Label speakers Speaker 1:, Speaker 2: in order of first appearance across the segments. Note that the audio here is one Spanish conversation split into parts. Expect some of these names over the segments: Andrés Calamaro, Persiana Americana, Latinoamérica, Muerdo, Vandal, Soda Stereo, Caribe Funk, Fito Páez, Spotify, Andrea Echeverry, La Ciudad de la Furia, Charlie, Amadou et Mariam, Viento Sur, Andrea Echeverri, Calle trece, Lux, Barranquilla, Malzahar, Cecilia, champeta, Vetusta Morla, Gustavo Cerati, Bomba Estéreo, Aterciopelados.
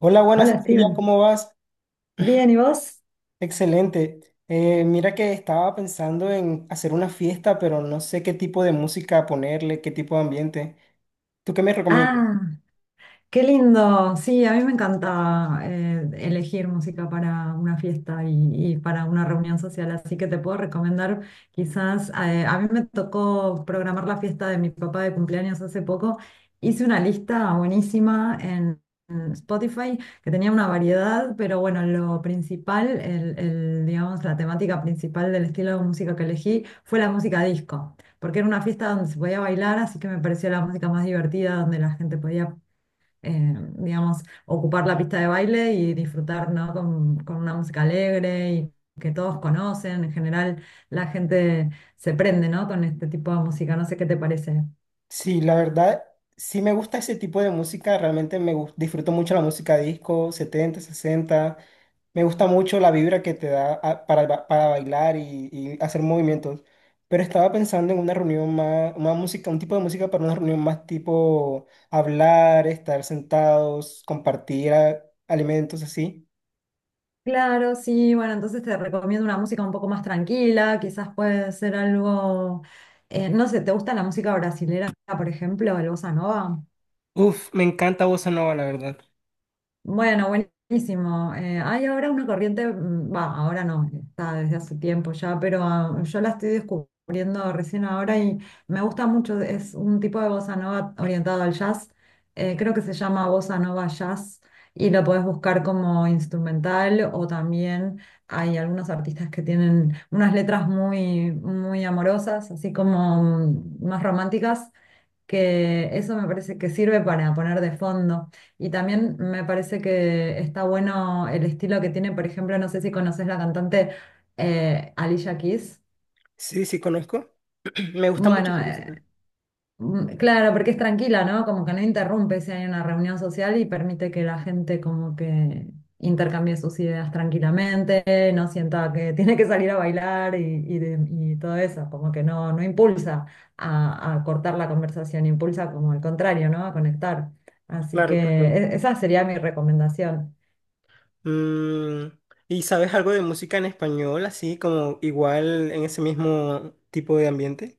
Speaker 1: Hola, buenas
Speaker 2: Hola,
Speaker 1: Cecilia,
Speaker 2: Steven.
Speaker 1: ¿cómo vas?
Speaker 2: Bien, ¿y vos?
Speaker 1: Excelente. Mira que estaba pensando en hacer una fiesta, pero no sé qué tipo de música ponerle, qué tipo de ambiente. ¿Tú qué me recomiendas?
Speaker 2: Ah, qué lindo, sí, a mí me encanta elegir música para una fiesta y para una reunión social, así que te puedo recomendar quizás, a mí me tocó programar la fiesta de mi papá de cumpleaños hace poco, hice una lista buenísima en Spotify que tenía una variedad, pero bueno, lo principal, digamos, la temática principal del estilo de música que elegí fue la música disco. Porque era una fiesta donde se podía bailar, así que me pareció la música más divertida, donde la gente podía digamos, ocupar la pista de baile y disfrutar, ¿no? Con una música alegre y que todos conocen. En general, la gente se prende, ¿no? Con este tipo de música. No sé qué te parece.
Speaker 1: Sí, la verdad, sí me gusta ese tipo de música, realmente disfruto mucho la música disco, 70, 60. Me gusta mucho la vibra que te da para bailar y hacer movimientos. Pero estaba pensando en una reunión más, una música, un tipo de música para una reunión más tipo hablar, estar sentados, compartir alimentos así.
Speaker 2: Claro, sí, bueno, entonces te recomiendo una música un poco más tranquila, quizás puede ser algo, no sé, ¿te gusta la música brasilera, por ejemplo, el bossa nova?
Speaker 1: Uf, me encanta bossa nova, la verdad.
Speaker 2: Bueno, buenísimo. Hay ahora una corriente, va, ahora no, está desde hace tiempo ya, pero ah, yo la estoy descubriendo recién ahora y me gusta mucho. Es un tipo de bossa nova orientado al jazz. Creo que se llama bossa nova jazz y lo podés buscar como instrumental o también hay algunos artistas que tienen unas letras muy amorosas, así como más románticas que eso me parece que sirve para poner de fondo. Y también me parece que está bueno el estilo que tiene, por ejemplo, no sé si conoces la cantante Alicia Keys.
Speaker 1: Sí, sí, conozco. Me gusta mucho
Speaker 2: Bueno,
Speaker 1: su música.
Speaker 2: mm, claro, porque es tranquila, ¿no? Como que no interrumpe si hay una reunión social y permite que la gente como que intercambie sus ideas tranquilamente, no sienta que tiene que salir a bailar y todo eso, como que no impulsa a cortar la conversación, impulsa como al contrario, ¿no? A conectar. Así que
Speaker 1: Claro, claro.
Speaker 2: esa sería mi recomendación.
Speaker 1: Mm, ¿y sabes algo de música en español, así como igual en ese mismo tipo de ambiente?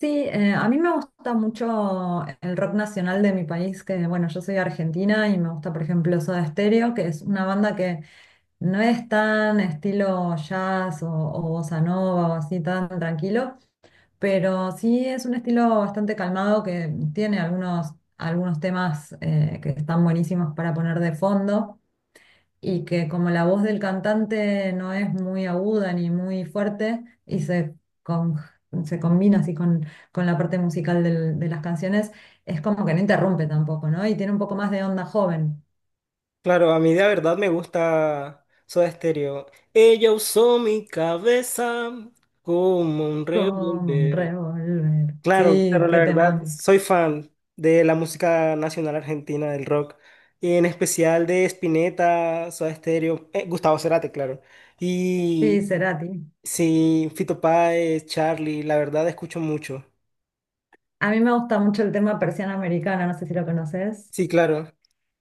Speaker 2: Sí, a mí me gusta mucho el rock nacional de mi país, que bueno, yo soy argentina y me gusta, por ejemplo, Soda Stereo, que es una banda que no es tan estilo jazz o bossa nova o así tan tranquilo, pero sí es un estilo bastante calmado que tiene algunos temas que están buenísimos para poner de fondo y que como la voz del cantante no es muy aguda ni muy fuerte con- se combina así con la parte musical de las canciones, es como que no interrumpe tampoco, ¿no? Y tiene un poco más de onda joven.
Speaker 1: Claro, a mí de verdad me gusta Soda Stereo. Ella usó mi cabeza como un
Speaker 2: Como un
Speaker 1: revólver.
Speaker 2: revólver.
Speaker 1: Claro,
Speaker 2: Sí,
Speaker 1: claro, la
Speaker 2: qué
Speaker 1: verdad,
Speaker 2: temón.
Speaker 1: soy fan de la música nacional argentina, del rock, y en especial de Spinetta, Soda Stereo, Gustavo Cerati, claro.
Speaker 2: Sí,
Speaker 1: Y
Speaker 2: Cerati.
Speaker 1: sí, Fito Páez, Charlie, la verdad escucho mucho.
Speaker 2: A mí me gusta mucho el tema Persiana Americana, no sé si lo conoces.
Speaker 1: Sí, claro.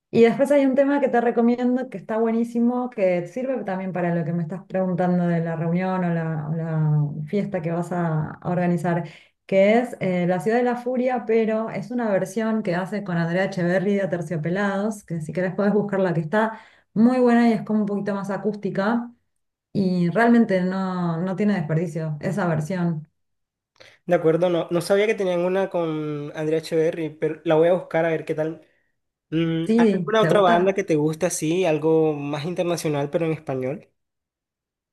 Speaker 2: Y después hay un tema que te recomiendo que está buenísimo, que sirve también para lo que me estás preguntando de la reunión o la fiesta que vas a organizar, que es La Ciudad de la Furia, pero es una versión que hace con Andrea Echeverri de Aterciopelados, que si querés podés buscarla, que está muy buena y es como un poquito más acústica y realmente no tiene desperdicio esa versión.
Speaker 1: De acuerdo, no, no sabía que tenían una con Andrea Echeverry, pero la voy a buscar a ver qué tal. Mm, ¿hay
Speaker 2: Sí,
Speaker 1: alguna
Speaker 2: ¿te
Speaker 1: otra banda
Speaker 2: gusta?
Speaker 1: que te guste así, algo más internacional pero en español?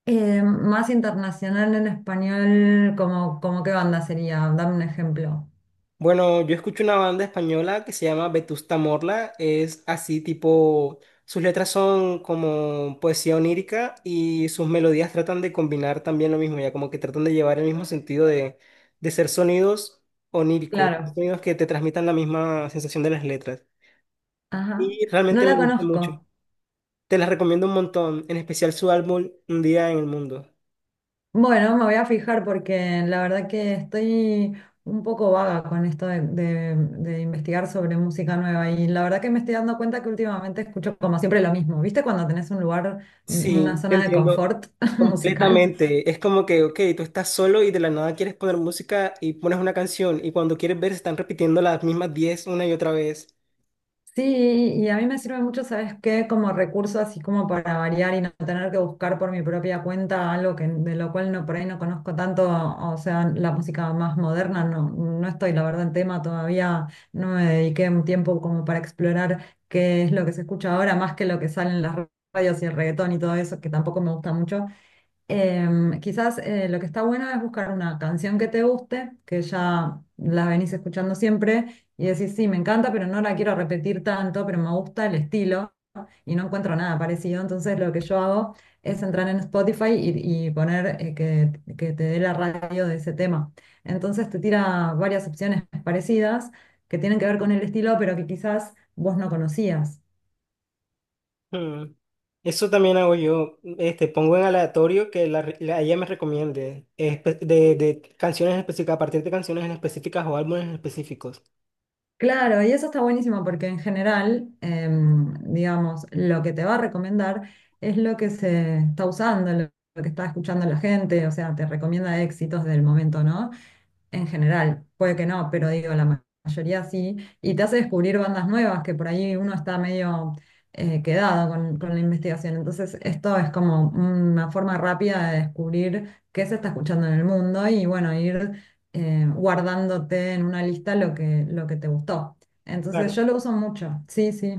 Speaker 2: Más internacional en español, como qué banda sería, dame un ejemplo.
Speaker 1: Bueno, yo escucho una banda española que se llama Vetusta Morla, es así tipo, sus letras son como poesía onírica y sus melodías tratan de combinar también lo mismo, ya como que tratan de llevar el mismo sentido de ser sonidos oníricos,
Speaker 2: Claro.
Speaker 1: sonidos que te transmitan la misma sensación de las letras.
Speaker 2: Ajá,
Speaker 1: Y
Speaker 2: no
Speaker 1: realmente
Speaker 2: la
Speaker 1: me gusta mucho.
Speaker 2: conozco.
Speaker 1: Te las recomiendo un montón, en especial su álbum Un día en el mundo.
Speaker 2: Bueno, me voy a fijar porque la verdad que estoy un poco vaga con esto de investigar sobre música nueva y la verdad que me estoy dando cuenta que últimamente escucho como siempre lo mismo. ¿Viste cuando tenés un lugar, una
Speaker 1: Sí, te
Speaker 2: zona de
Speaker 1: entiendo
Speaker 2: confort musical?
Speaker 1: completamente. Es como que, ok, tú estás solo y de la nada quieres poner música y pones una canción y cuando quieres ver se están repitiendo las mismas 10 una y otra vez.
Speaker 2: Sí, y a mí me sirve mucho, ¿sabes qué? Como recurso, así como para variar y no tener que buscar por mi propia cuenta algo que, de lo cual no, por ahí no conozco tanto, o sea, la música más moderna, no estoy, la verdad, en tema todavía, no me dediqué un tiempo como para explorar qué es lo que se escucha ahora, más que lo que sale en las radios y el reggaetón y todo eso, que tampoco me gusta mucho. Quizás lo que está bueno es buscar una canción que te guste, que ya la venís escuchando siempre y decís, sí, me encanta, pero no la quiero repetir tanto, pero me gusta el estilo y no encuentro nada parecido. Entonces lo que yo hago es entrar en Spotify y poner que te dé la radio de ese tema. Entonces te tira varias opciones parecidas que tienen que ver con el estilo, pero que quizás vos no conocías.
Speaker 1: Hmm. Eso también hago yo. Este, pongo en aleatorio que ella me recomiende de canciones específicas, a partir de canciones en específicas o álbumes en específicos.
Speaker 2: Claro, y eso está buenísimo porque en general, digamos, lo que te va a recomendar es lo que se está usando, lo que está escuchando la gente, o sea, te recomienda éxitos del momento, ¿no? En general, puede que no, pero digo, la mayoría sí, y te hace descubrir bandas nuevas que por ahí uno está medio quedado con la investigación. Entonces, esto es como una forma rápida de descubrir qué se está escuchando en el mundo y bueno, ir guardándote en una lista lo que te gustó. Entonces,
Speaker 1: Claro.
Speaker 2: yo lo uso mucho, sí, sí.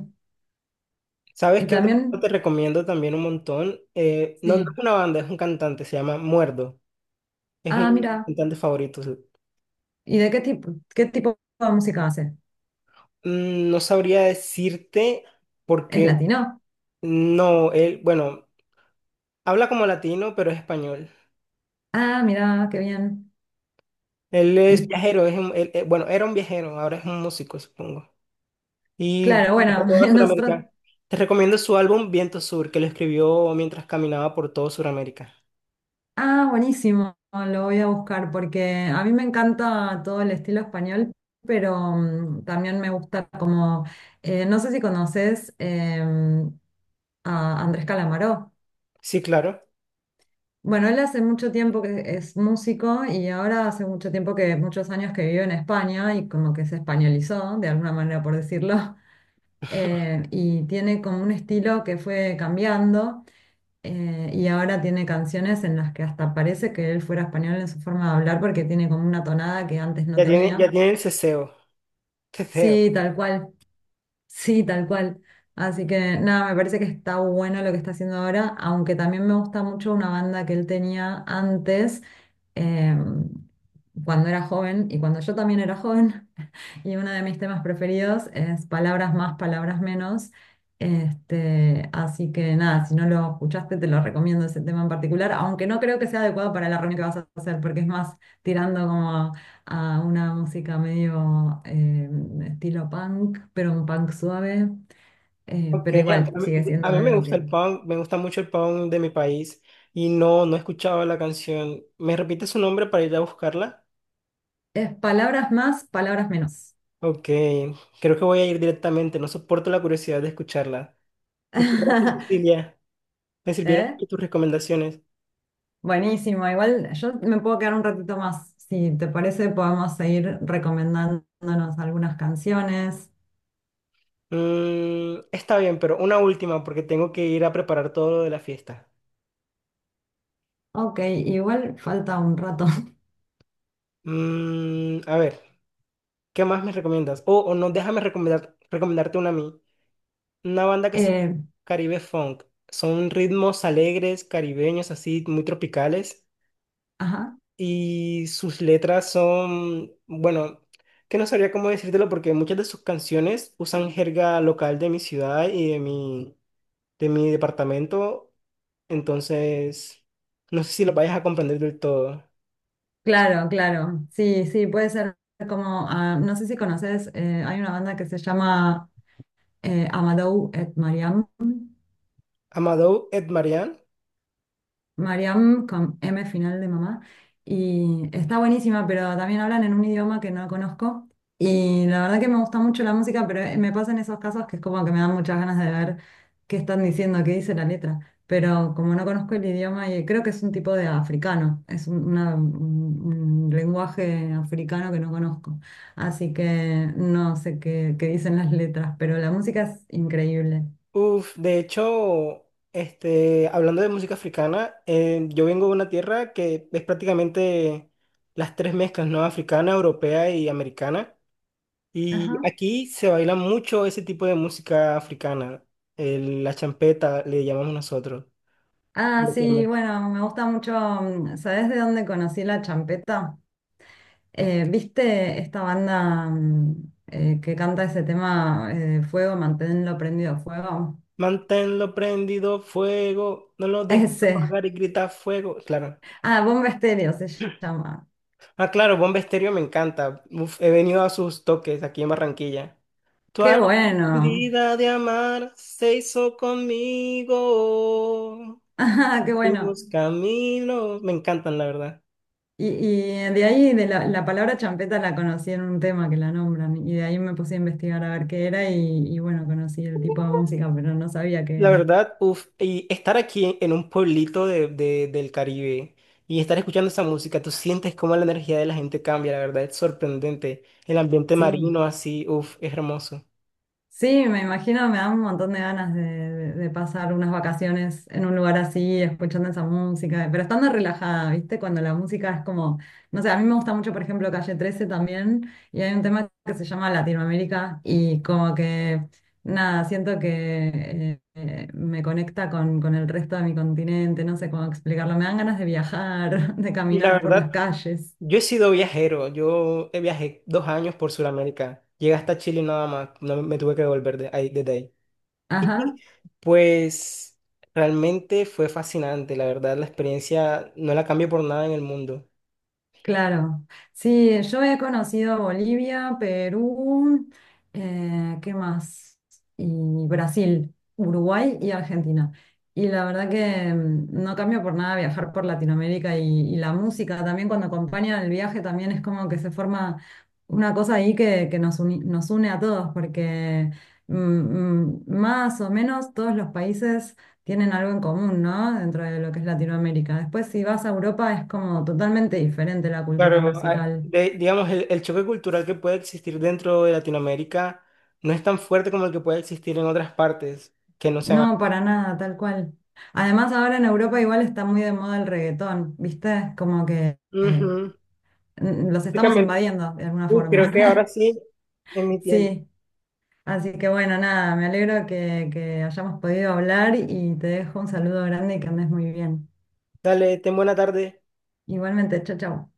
Speaker 1: ¿Sabes
Speaker 2: Y
Speaker 1: qué otro grupo te
Speaker 2: también,
Speaker 1: recomiendo también un montón? No es
Speaker 2: sí.
Speaker 1: una banda, es un cantante, se llama Muerdo. Es
Speaker 2: Ah,
Speaker 1: un
Speaker 2: mira,
Speaker 1: cantante favorito. Sí.
Speaker 2: ¿y de qué tipo de música hace?
Speaker 1: Mm, no sabría decirte
Speaker 2: ¿Es
Speaker 1: porque
Speaker 2: latino?
Speaker 1: no, él, bueno, habla como latino, pero es español.
Speaker 2: Ah, mira, qué bien.
Speaker 1: Él es
Speaker 2: ¿Y
Speaker 1: viajero, es un- él- él- bueno, era un viajero, ahora es un músico, supongo. Y
Speaker 2: claro,
Speaker 1: viajó
Speaker 2: bueno,
Speaker 1: toda
Speaker 2: nosotros...
Speaker 1: Sudamérica. Te recomiendo su álbum Viento Sur, que lo escribió mientras caminaba por todo Sudamérica.
Speaker 2: Ah, buenísimo, lo voy a buscar porque a mí me encanta todo el estilo español, pero también me gusta como, no sé si conoces a Andrés Calamaro.
Speaker 1: Sí, claro.
Speaker 2: Bueno, él hace mucho tiempo que es músico y ahora hace mucho tiempo que, muchos años que vive en España y como que se españolizó, de alguna manera por decirlo, y tiene como un estilo que fue cambiando. Y ahora tiene canciones en las que hasta parece que él fuera español en su forma de hablar porque tiene como una tonada que antes no
Speaker 1: Ya
Speaker 2: tenía.
Speaker 1: tiene el ceseo. Ceseo.
Speaker 2: Sí, tal cual, sí, tal cual. Así que nada, me parece que está bueno lo que está haciendo ahora, aunque también me gusta mucho una banda que él tenía antes, eh, cuando era joven y cuando yo también era joven, y uno de mis temas preferidos es Palabras más, palabras menos. Este, así que nada, si no lo escuchaste, te lo recomiendo ese tema en particular, aunque no creo que sea adecuado para la reunión que vas a hacer, porque es más tirando como a una música medio estilo punk, pero un punk suave.
Speaker 1: Ok,
Speaker 2: Pero igual sigue siendo
Speaker 1: a mí me
Speaker 2: algo
Speaker 1: gusta
Speaker 2: que
Speaker 1: el punk, me gusta mucho el punk de mi país y no, no escuchaba la canción. ¿Me repite su nombre para ir a buscarla?
Speaker 2: es palabras más, palabras menos.
Speaker 1: Ok, creo que voy a ir directamente, no soporto la curiosidad de escucharla. Muchas gracias, Cecilia. Me sirvieron
Speaker 2: ¿Eh?
Speaker 1: mucho tus recomendaciones.
Speaker 2: Buenísimo, igual yo me puedo quedar un ratito más. Si te parece, podemos seguir recomendándonos algunas canciones.
Speaker 1: Mm, está bien, pero una última porque tengo que ir a preparar todo lo de la fiesta.
Speaker 2: Ok, igual falta un rato.
Speaker 1: Mm, a ver, ¿qué más me recomiendas? O no, déjame recomendarte una a mí. Una banda que se llama
Speaker 2: Eh,
Speaker 1: Caribe Funk. Son ritmos alegres, caribeños, así, muy tropicales.
Speaker 2: ajá,
Speaker 1: Y sus letras son, bueno, que no sabría cómo decírtelo porque muchas de sus canciones usan jerga local de mi ciudad y de mi departamento. Entonces, no sé si lo vayas a comprender del todo.
Speaker 2: claro, claro. Sí, sí, puede ser como, ah, no sé si conoces, hay una banda que se llama Amadou et Mariam.
Speaker 1: Amadou Marian.
Speaker 2: Mariam con M final de mamá. Y está buenísima, pero también hablan en un idioma que no conozco. Y la verdad que me gusta mucho la música, pero me pasan esos casos que es como que me dan muchas ganas de ver qué están diciendo, qué dice la letra. Pero como no conozco el idioma, y creo que es un tipo de africano, es un lenguaje africano que no conozco. Así que no sé qué, qué dicen las letras, pero la música es increíble.
Speaker 1: Uf, de hecho, este, hablando de música africana, yo vengo de una tierra que es prácticamente las tres mezclas, ¿no? Africana, europea y americana. Y
Speaker 2: Ajá.
Speaker 1: aquí se baila mucho ese tipo de música africana. La champeta le llamamos nosotros.
Speaker 2: Ah, sí,
Speaker 1: Coloquialmente.
Speaker 2: bueno, me gusta mucho. ¿Sabés de dónde conocí la champeta? ¿Viste esta banda que canta ese tema Fuego, manténlo prendido fuego?
Speaker 1: Manténlo prendido, fuego. No lo dejes
Speaker 2: Ese.
Speaker 1: apagar y grita fuego. Claro.
Speaker 2: Ah, Bomba Estéreo se llama.
Speaker 1: Ah, claro, Bomba Estéreo me encanta. Uf, he venido a sus toques aquí en Barranquilla. Tu
Speaker 2: Qué
Speaker 1: alma
Speaker 2: bueno.
Speaker 1: medida de amar se hizo conmigo.
Speaker 2: Ah, qué bueno.
Speaker 1: Hicimos caminos. Me encantan, la verdad.
Speaker 2: Y de ahí, la palabra champeta la conocí en un tema que la nombran. Y de ahí me puse a investigar a ver qué era. Y bueno, conocí el tipo de música, pero no sabía qué
Speaker 1: La
Speaker 2: era.
Speaker 1: verdad, uff, y estar aquí en un pueblito del Caribe y estar escuchando esa música, tú sientes cómo la energía de la gente cambia, la verdad, es sorprendente. El ambiente
Speaker 2: Sí.
Speaker 1: marino así, uff, es hermoso.
Speaker 2: Sí, me imagino, me dan un montón de ganas de, de pasar unas vacaciones en un lugar así, escuchando esa música, pero estando relajada, ¿viste? Cuando la música es como, no sé, a mí me gusta mucho, por ejemplo, Calle trece también, y hay un tema que se llama Latinoamérica, y como que, nada, siento que me conecta con el resto de mi continente, no sé cómo explicarlo, me dan ganas de viajar, de
Speaker 1: Y la
Speaker 2: caminar por
Speaker 1: verdad,
Speaker 2: las calles.
Speaker 1: yo he sido viajero, yo viajé 2 años por Sudamérica, llegué hasta Chile nada más, no me tuve que devolver de ahí, desde ahí.
Speaker 2: Ajá.
Speaker 1: Y pues realmente fue fascinante, la verdad, la experiencia no la cambio por nada en el mundo.
Speaker 2: Claro, sí, yo he conocido Bolivia, Perú, ¿qué más? Y Brasil, Uruguay y Argentina. Y la verdad que no cambio por nada viajar por Latinoamérica y la música también cuando acompaña el viaje también es como que se forma una cosa ahí que nos nos une a todos porque más o menos todos los países tienen algo en común, ¿no? Dentro de lo que es Latinoamérica. Después, si vas a Europa, es como totalmente diferente la cultura
Speaker 1: Claro,
Speaker 2: musical.
Speaker 1: digamos, el, choque cultural que puede existir dentro de Latinoamérica no es tan fuerte como el que puede existir en otras partes que no sean.
Speaker 2: No, para nada, tal cual. Además, ahora en Europa igual está muy de moda el reggaetón, ¿viste? Como que
Speaker 1: Ujú.
Speaker 2: los estamos
Speaker 1: Prácticamente.
Speaker 2: invadiendo de alguna
Speaker 1: Creo que ahora
Speaker 2: forma.
Speaker 1: sí, en mi tiempo.
Speaker 2: Sí, así que bueno, nada, me alegro que hayamos podido hablar y te dejo un saludo grande y que andes muy bien.
Speaker 1: Dale, ten buena tarde.
Speaker 2: Igualmente, chao, chao.